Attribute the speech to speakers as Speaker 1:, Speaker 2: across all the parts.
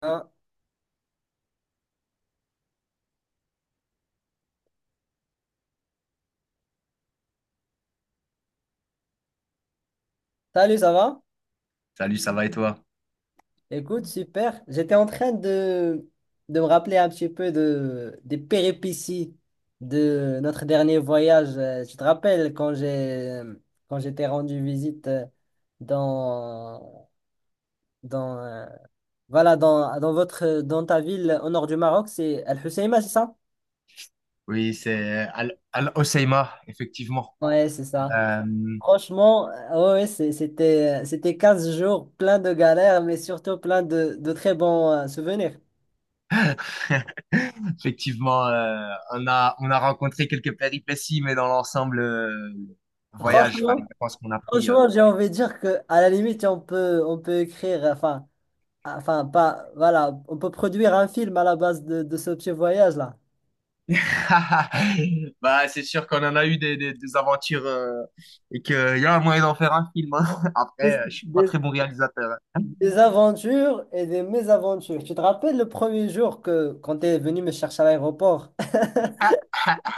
Speaker 1: Ah, salut, ça va?
Speaker 2: Salut, ça va et toi?
Speaker 1: Écoute, super. J'étais en train de me rappeler un petit peu de, des péripéties de notre dernier voyage. Tu te rappelles quand j'étais rendu visite dans, dans, voilà, dans, dans votre, dans ta ville au nord du Maroc, c'est Al Hoceima, c'est ça?
Speaker 2: Oui, c'est Al Hoceima, effectivement.
Speaker 1: Ouais, c'est ça.
Speaker 2: Euh,
Speaker 1: Franchement, ouais, ouais, c'était 15 jours plein de galères, mais surtout plein de très bons souvenirs.
Speaker 2: Effectivement, on a rencontré quelques péripéties, mais dans l'ensemble, le voyage, enfin, les
Speaker 1: Franchement,
Speaker 2: vacances qu'on a pris,
Speaker 1: Franchement, j'ai envie de dire que à la limite, on peut écrire, enfin, enfin, pas, voilà, on peut produire un film à la base de ce petit voyage-là.
Speaker 2: bah, c'est sûr qu'on en a eu des aventures et qu'il y a un moyen d'en faire un film, hein.
Speaker 1: Des,
Speaker 2: Après, je suis pas
Speaker 1: des-
Speaker 2: très bon réalisateur, hein.
Speaker 1: des aventures et des mésaventures. Tu te rappelles le premier jour quand tu es venu me chercher à l'aéroport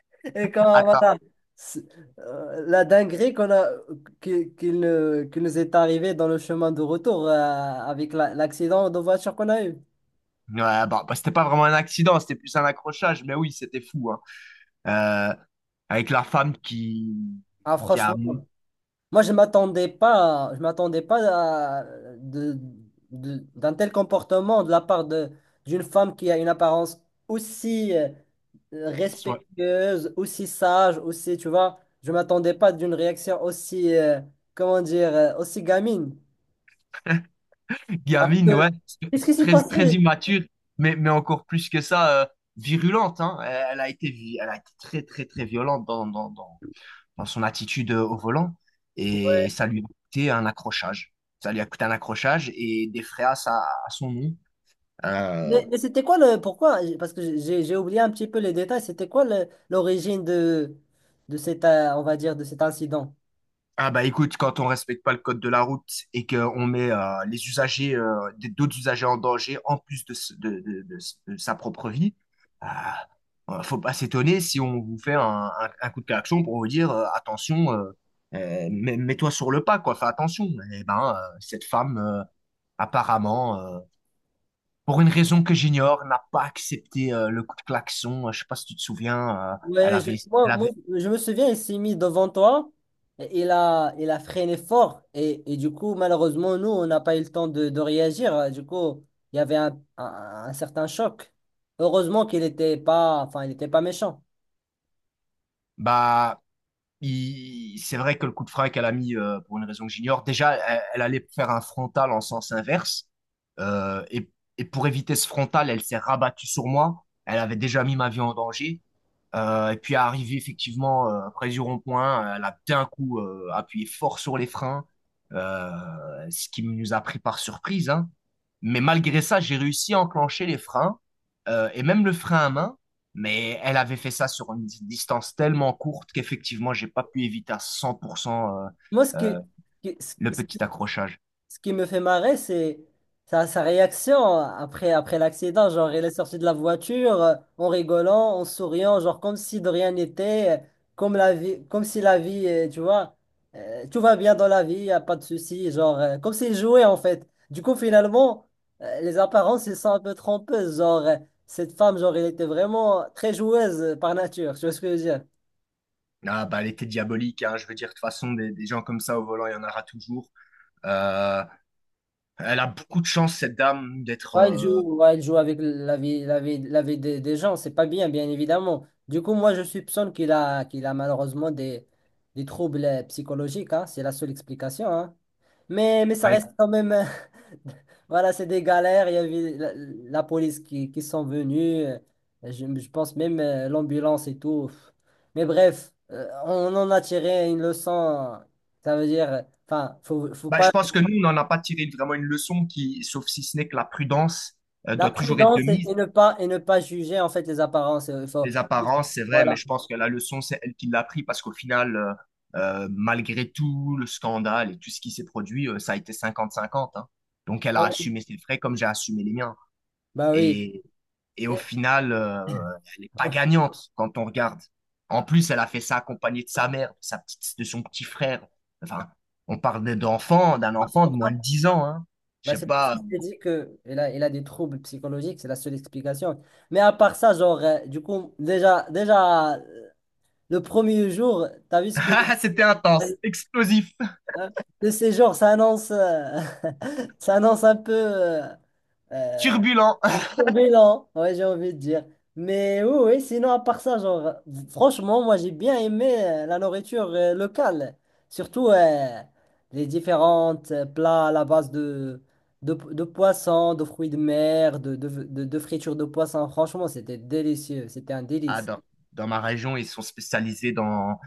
Speaker 1: et quand, voilà,
Speaker 2: Attends,
Speaker 1: c'est- la dinguerie qui ne- qui nous est arrivée dans le chemin de retour avec l'accident de voiture qu'on a eu.
Speaker 2: ouais, bah, c'était pas vraiment un accident, c'était plus un accrochage, mais oui, c'était fou, hein. euh, Avec la femme qui,
Speaker 1: Ah,
Speaker 2: qui a,
Speaker 1: franchement. Moi, je m'attendais pas à, de, d'un tel comportement de la part de, d'une femme qui a une apparence aussi
Speaker 2: soit,
Speaker 1: respectueuse, aussi sage, aussi, tu vois, je m'attendais pas d'une réaction aussi, comment dire, aussi gamine. Parce
Speaker 2: gamine,
Speaker 1: que,
Speaker 2: ouais, c'est
Speaker 1: qu'est-ce qui s'est
Speaker 2: très, très
Speaker 1: passé?
Speaker 2: immature, mais encore plus que ça, virulente, hein. Elle a été, elle a été très, très, très violente dans son attitude au volant, et ça lui a coûté un accrochage. Ça lui a coûté un accrochage et des fréas à son nom. Euh,
Speaker 1: Mais c'était quoi le, pourquoi? Parce que j'ai oublié un petit peu les détails. C'était quoi l'origine de cet, on va dire, de cet incident?
Speaker 2: ah bah écoute, quand on respecte pas le code de la route et qu'on met les usagers, d'autres usagers en danger en plus de, s- de s- de sa propre vie. Faut pas s'étonner si on vous fait un coup de klaxon pour vous dire attention, mets-toi sur le pas, quoi, fais attention. Eh ben, cette femme, apparemment, pour une raison que j'ignore, n'a pas accepté le coup de klaxon. Je sais pas si tu te souviens, elle
Speaker 1: Ouais,
Speaker 2: avait, elle
Speaker 1: moi,
Speaker 2: avait,
Speaker 1: je me souviens, il s'est mis devant toi, et il a freiné fort, et du coup, malheureusement, nous, on n'a pas eu le temps de réagir. Du coup, il y avait un certain choc. Heureusement qu'il n'était pas, enfin, il n'était pas méchant.
Speaker 2: bah, c'est vrai que le coup de frein qu'elle a mis, pour une raison que j'ignore, déjà, elle, elle allait faire un frontal en sens inverse. Euh, et, et pour éviter ce frontal, elle s'est rabattue sur moi. Elle avait déjà mis ma vie en danger. Et puis, arrivée effectivement près du rond-point, elle a d'un coup appuyé fort sur les freins, euh, ce qui nous a pris par surprise, hein. Mais malgré ça, j'ai réussi à enclencher les freins et même le frein à main. Mais elle avait fait ça sur une distance tellement courte qu'effectivement, j'ai pas pu éviter à 100%
Speaker 1: Moi, ce
Speaker 2: euh,
Speaker 1: que- ce,
Speaker 2: le petit accrochage.
Speaker 1: ce qui me fait marrer, c'est sa réaction après, après l'accident. Genre, il est sorti de la voiture en rigolant, en souriant, genre comme si de rien n'était, comme si la vie, tu vois, tout va bien dans la vie, y a pas de souci, genre comme s'il jouait en fait. Du coup, finalement, les apparences, elles sont un peu trompeuses. Genre, cette femme, genre, elle était vraiment très joueuse par nature. Tu vois ce que je veux dire?
Speaker 2: Ah, bah, elle était diabolique, hein. Je veux dire, de toute façon, des gens comme ça au volant, il y en aura toujours. Euh, Elle a beaucoup de chance, cette dame, d'être,
Speaker 1: Ouais, il joue avec la vie, la vie des gens, c'est pas bien, bien évidemment. Du coup, moi, je soupçonne qu'il a malheureusement des troubles psychologiques, hein, c'est la seule explication, hein. Mais ça
Speaker 2: avec-
Speaker 1: reste quand même, voilà, c'est des galères, il y avait la police qui sont venus, je pense même l'ambulance et tout. Mais bref, on en a tiré une leçon, ça veut dire, enfin, faut
Speaker 2: bah, je
Speaker 1: pas.
Speaker 2: pense que nous, on n'en a pas tiré vraiment une leçon qui, sauf si ce n'est que la prudence,
Speaker 1: La
Speaker 2: doit toujours être de
Speaker 1: prudence et
Speaker 2: mise.
Speaker 1: ne pas, et ne pas juger en fait les apparences. Il faut...
Speaker 2: Les apparences, c'est vrai, mais
Speaker 1: Voilà.
Speaker 2: je pense que la leçon, c'est elle qui l'a pris parce qu'au final, malgré tout le scandale et tout ce qui s'est produit, ça a été 50-50, hein. Donc, elle
Speaker 1: Ah
Speaker 2: a
Speaker 1: oui.
Speaker 2: assumé ses frais comme j'ai assumé les miens.
Speaker 1: Bah oui.
Speaker 2: Et, et au
Speaker 1: Et.
Speaker 2: final, elle n'est pas gagnante quand on regarde. En plus, elle a fait ça accompagnée de sa mère, de sa petite, de son petit frère. Enfin, on parle d'enfant, d'un
Speaker 1: Ah, c'est
Speaker 2: enfant de
Speaker 1: pour
Speaker 2: moins
Speaker 1: ça.
Speaker 2: de 10 ans, hein. Je
Speaker 1: Bah,
Speaker 2: sais
Speaker 1: c'est pour ça
Speaker 2: pas.
Speaker 1: que je t'ai dit que il a des troubles psychologiques, c'est la seule explication. Mais à part ça, genre, du coup, déjà, le premier jour, t'as vu ce que
Speaker 2: C'était intense, explosif,
Speaker 1: le séjour, ça annonce, ça annonce un peu euh,
Speaker 2: turbulent.
Speaker 1: turbulent, ouais, j'ai envie de dire. Mais oui, oui, sinon, à part ça, genre, franchement, moi, j'ai bien aimé la nourriture locale. Surtout les différentes plats à la base de poissons, de fruits de mer, de fritures de poissons. Franchement, c'était délicieux. C'était un
Speaker 2: Ah,
Speaker 1: délice.
Speaker 2: dans ma région, ils sont spécialisés dans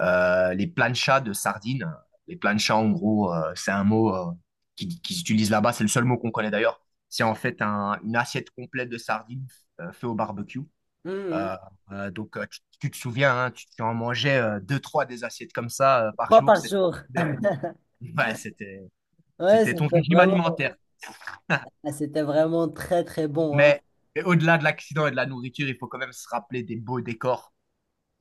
Speaker 2: les planchas de sardines. Les planchas, en gros, c'est un mot qui s'utilise là-bas. C'est le seul mot qu'on connaît d'ailleurs. C'est en fait une assiette complète de sardines fait au barbecue.
Speaker 1: Mhm.
Speaker 2: Euh, donc, tu te souviens, hein, tu en mangeais deux, trois des assiettes comme ça par
Speaker 1: Trois
Speaker 2: jour.
Speaker 1: par
Speaker 2: C'était...
Speaker 1: jour.
Speaker 2: Ouais,
Speaker 1: Ouais,
Speaker 2: c'était ton régime alimentaire.
Speaker 1: c'était vraiment très, très bon, hein.
Speaker 2: Mais mais au-delà de l'accident et de la nourriture, il faut quand même se rappeler des beaux décors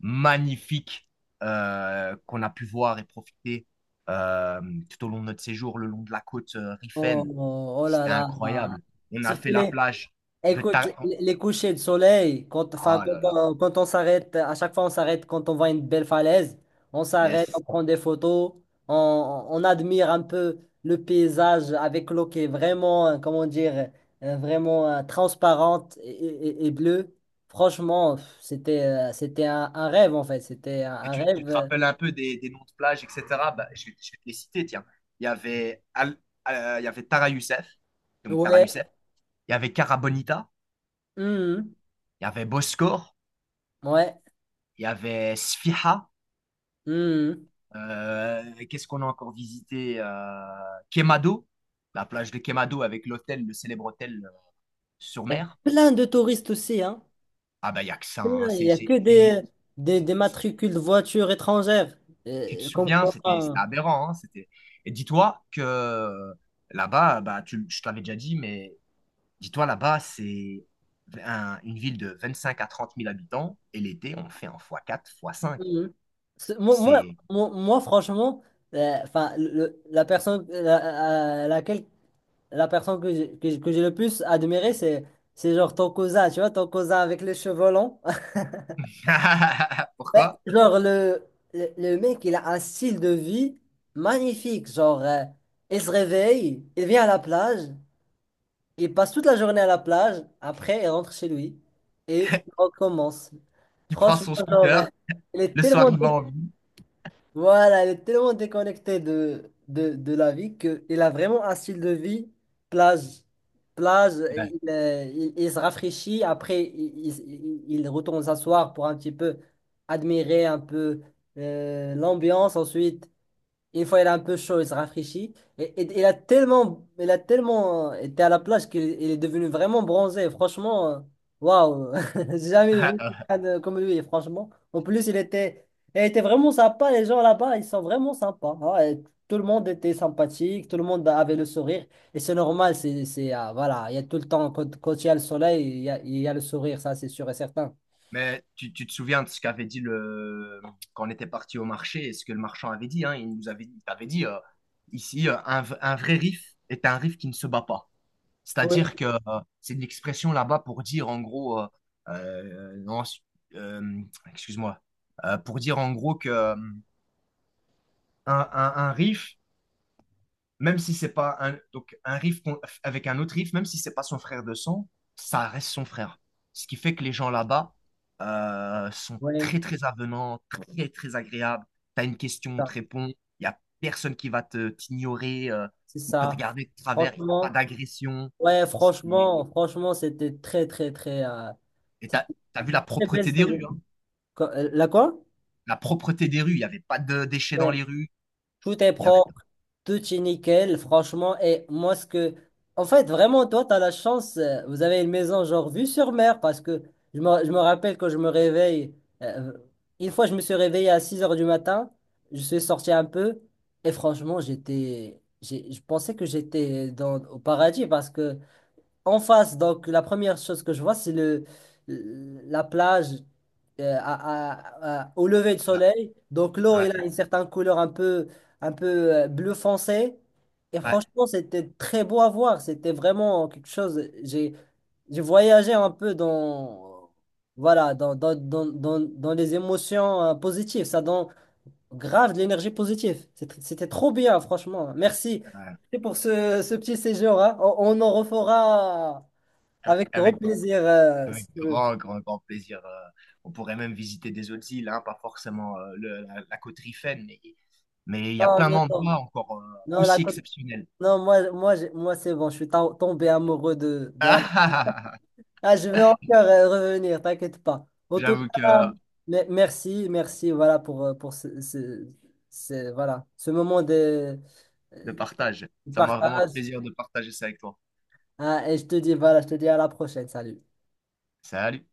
Speaker 2: magnifique qu'on a pu voir et profiter euh, tout au long de notre séjour, le long de la côte
Speaker 1: Oh,
Speaker 2: Rifaine.
Speaker 1: oh, oh là
Speaker 2: C'était
Speaker 1: là. Là.
Speaker 2: incroyable. On a fait
Speaker 1: Surtout
Speaker 2: la
Speaker 1: les.
Speaker 2: plage de
Speaker 1: Écoute,
Speaker 2: Ta...
Speaker 1: les couchers de soleil, quand, enfin,
Speaker 2: Ah là là,
Speaker 1: quand on s'arrête, à chaque fois on s'arrête quand on voit une belle falaise, on s'arrête, on
Speaker 2: yes.
Speaker 1: prend des photos, on admire un peu le paysage avec l'eau qui est vraiment, comment dire, vraiment transparente et bleue. Franchement, pff, c'était, c'était un rêve en fait, c'était
Speaker 2: Et
Speaker 1: un
Speaker 2: tu
Speaker 1: rêve.
Speaker 2: te rappelles un peu des noms de plages, etc. Bah, je vais te les citer, tiens. Il y avait, Al- il y avait Tara Youssef, donc Tara
Speaker 1: Ouais.
Speaker 2: Youssef. Il y avait Cara Bonita,
Speaker 1: Mhm.
Speaker 2: il y avait Boscor,
Speaker 1: Ouais.
Speaker 2: il y avait Sfiha.
Speaker 1: Mhm.
Speaker 2: Qu'est-ce qu'on a encore visité? Quemado, la plage de Quemado avec l'hôtel, le célèbre hôtel sur mer.
Speaker 1: Plein de touristes aussi, hein.
Speaker 2: Ah bah, il n'y a que ça,
Speaker 1: Il
Speaker 2: hein.
Speaker 1: n'y a que
Speaker 2: C'est une-
Speaker 1: des
Speaker 2: c'est-
Speaker 1: matricules de voitures étrangères.
Speaker 2: Tu te
Speaker 1: Comme
Speaker 2: souviens,
Speaker 1: quoi.
Speaker 2: c'était
Speaker 1: Hein.
Speaker 2: aberrant, hein. C'était... Et dis-toi que là-bas, bah, je t'avais déjà dit, mais dis-toi là-bas, c'est une ville de 25 à 30 000 habitants, et l'été, on fait en fois quatre, fois cinq.
Speaker 1: Mhm. C'est.
Speaker 2: C'est...
Speaker 1: Moi, franchement, enfin, le la personne à laquelle la personne que j'ai que j'ai le plus admiré, c'est genre ton cousin, tu vois, ton cousin avec les cheveux longs. Ouais,
Speaker 2: Pourquoi?
Speaker 1: genre le mec, il a un style de vie magnifique. Genre, il se réveille, il vient à la plage, il passe toute la journée à la plage, après il rentre chez lui et il recommence.
Speaker 2: Il prend
Speaker 1: Franchement,
Speaker 2: son
Speaker 1: genre,
Speaker 2: scooter,
Speaker 1: il est
Speaker 2: le soir,
Speaker 1: tellement,
Speaker 2: il va en ville.
Speaker 1: voilà, il est tellement déconnecté de la vie qu'il a vraiment un style de vie plage. Plage,
Speaker 2: Ouais.
Speaker 1: il se rafraîchit, il retourne s'asseoir pour un petit peu admirer un peu l'ambiance ensuite. Une fois, il est un peu chaud, il se rafraîchit. Et, il a tellement été à la plage qu'il il est devenu vraiment bronzé. Franchement, waouh, j'ai jamais vu comme lui, franchement. En plus, il était vraiment sympa. Les gens là-bas, ils sont vraiment sympas, hein. Et tout le monde était sympathique, tout le monde avait le sourire. Et c'est normal, voilà, il y a tout le temps, quand il y a le soleil, il y a le sourire, ça, c'est sûr et certain.
Speaker 2: Mais tu te souviens de ce qu'avait dit le... quand on était parti au marché et ce que le marchand avait dit, hein, il t'avait dit ici, un vrai riff est un riff qui ne se bat pas.
Speaker 1: Oui,
Speaker 2: C'est-à-dire que c'est une expression là-bas pour dire en gros, non, euh, excuse-moi, pour dire en gros que un riff, même si c'est pas un, donc un riff avec un autre riff, même si c'est pas son frère de sang, ça reste son frère. Ce qui fait que les gens là-bas sont
Speaker 1: oui,
Speaker 2: très très avenants, très très agréables. T'as une question, on te
Speaker 1: ça,
Speaker 2: répond. Il y a personne qui va te t'ignorer
Speaker 1: c'est
Speaker 2: ou te
Speaker 1: ça.
Speaker 2: regarder de travers. Il n'y a pas
Speaker 1: Franchement.
Speaker 2: d'agression.
Speaker 1: Ouais,
Speaker 2: C'est-
Speaker 1: franchement, franchement, c'était très, très, très.
Speaker 2: Et
Speaker 1: C'était une
Speaker 2: t'as vu la
Speaker 1: très belle
Speaker 2: propreté des rues, hein.
Speaker 1: quoi- la quoi?
Speaker 2: La propreté des rues. Il n'y avait pas de déchets dans
Speaker 1: Ouais.
Speaker 2: les rues.
Speaker 1: Tout est
Speaker 2: Il y avait.
Speaker 1: propre, tout est nickel, franchement. Et moi, ce que. En fait, vraiment, toi, tu as la chance. Vous avez une maison, genre, vue sur mer, parce que je me rappelle quand je me réveille. euh, une fois, je me suis réveillé à 6 heures du matin. Je suis sorti un peu. Et franchement, j'étais. J'ai- Je pensais que j'étais dans, au paradis parce que. En face, donc la première chose que je vois, c'est le la plage au lever du soleil. Donc l'eau,
Speaker 2: Ouais,
Speaker 1: elle a une certaine couleur un peu bleu foncé. Et
Speaker 2: ouais,
Speaker 1: franchement, c'était très beau à voir. C'était vraiment quelque chose. J'ai voyagé un peu dans voilà dans les émotions positives. Ça donne grave de l'énergie positive. C'était c'était trop bien, franchement. Merci. Merci pour ce petit séjour, hein. On en refera
Speaker 2: ouais.
Speaker 1: avec grand
Speaker 2: Avec
Speaker 1: plaisir, si
Speaker 2: Avec
Speaker 1: tu veux.
Speaker 2: grand, grand, grand plaisir. On pourrait même visiter des autres îles, hein, pas forcément la côte Rifaine, mais il y a
Speaker 1: Non,
Speaker 2: plein
Speaker 1: non,
Speaker 2: d'endroits
Speaker 1: non.
Speaker 2: encore
Speaker 1: Non, la
Speaker 2: aussi
Speaker 1: Côte-
Speaker 2: exceptionnels.
Speaker 1: non, moi c'est bon, je suis tombé amoureux de la.
Speaker 2: Ah, ah, ah, ah.
Speaker 1: Ah, je vais encore revenir, t'inquiète pas. En tout
Speaker 2: J'avoue que
Speaker 1: cas, merci, merci, voilà, pour ce, voilà, ce moment de
Speaker 2: de
Speaker 1: euh,
Speaker 2: partage, ça m'a vraiment fait
Speaker 1: partage.
Speaker 2: plaisir de partager ça avec toi.
Speaker 1: Ah, et je te dis, voilà, je te dis à la prochaine, salut.
Speaker 2: Salut.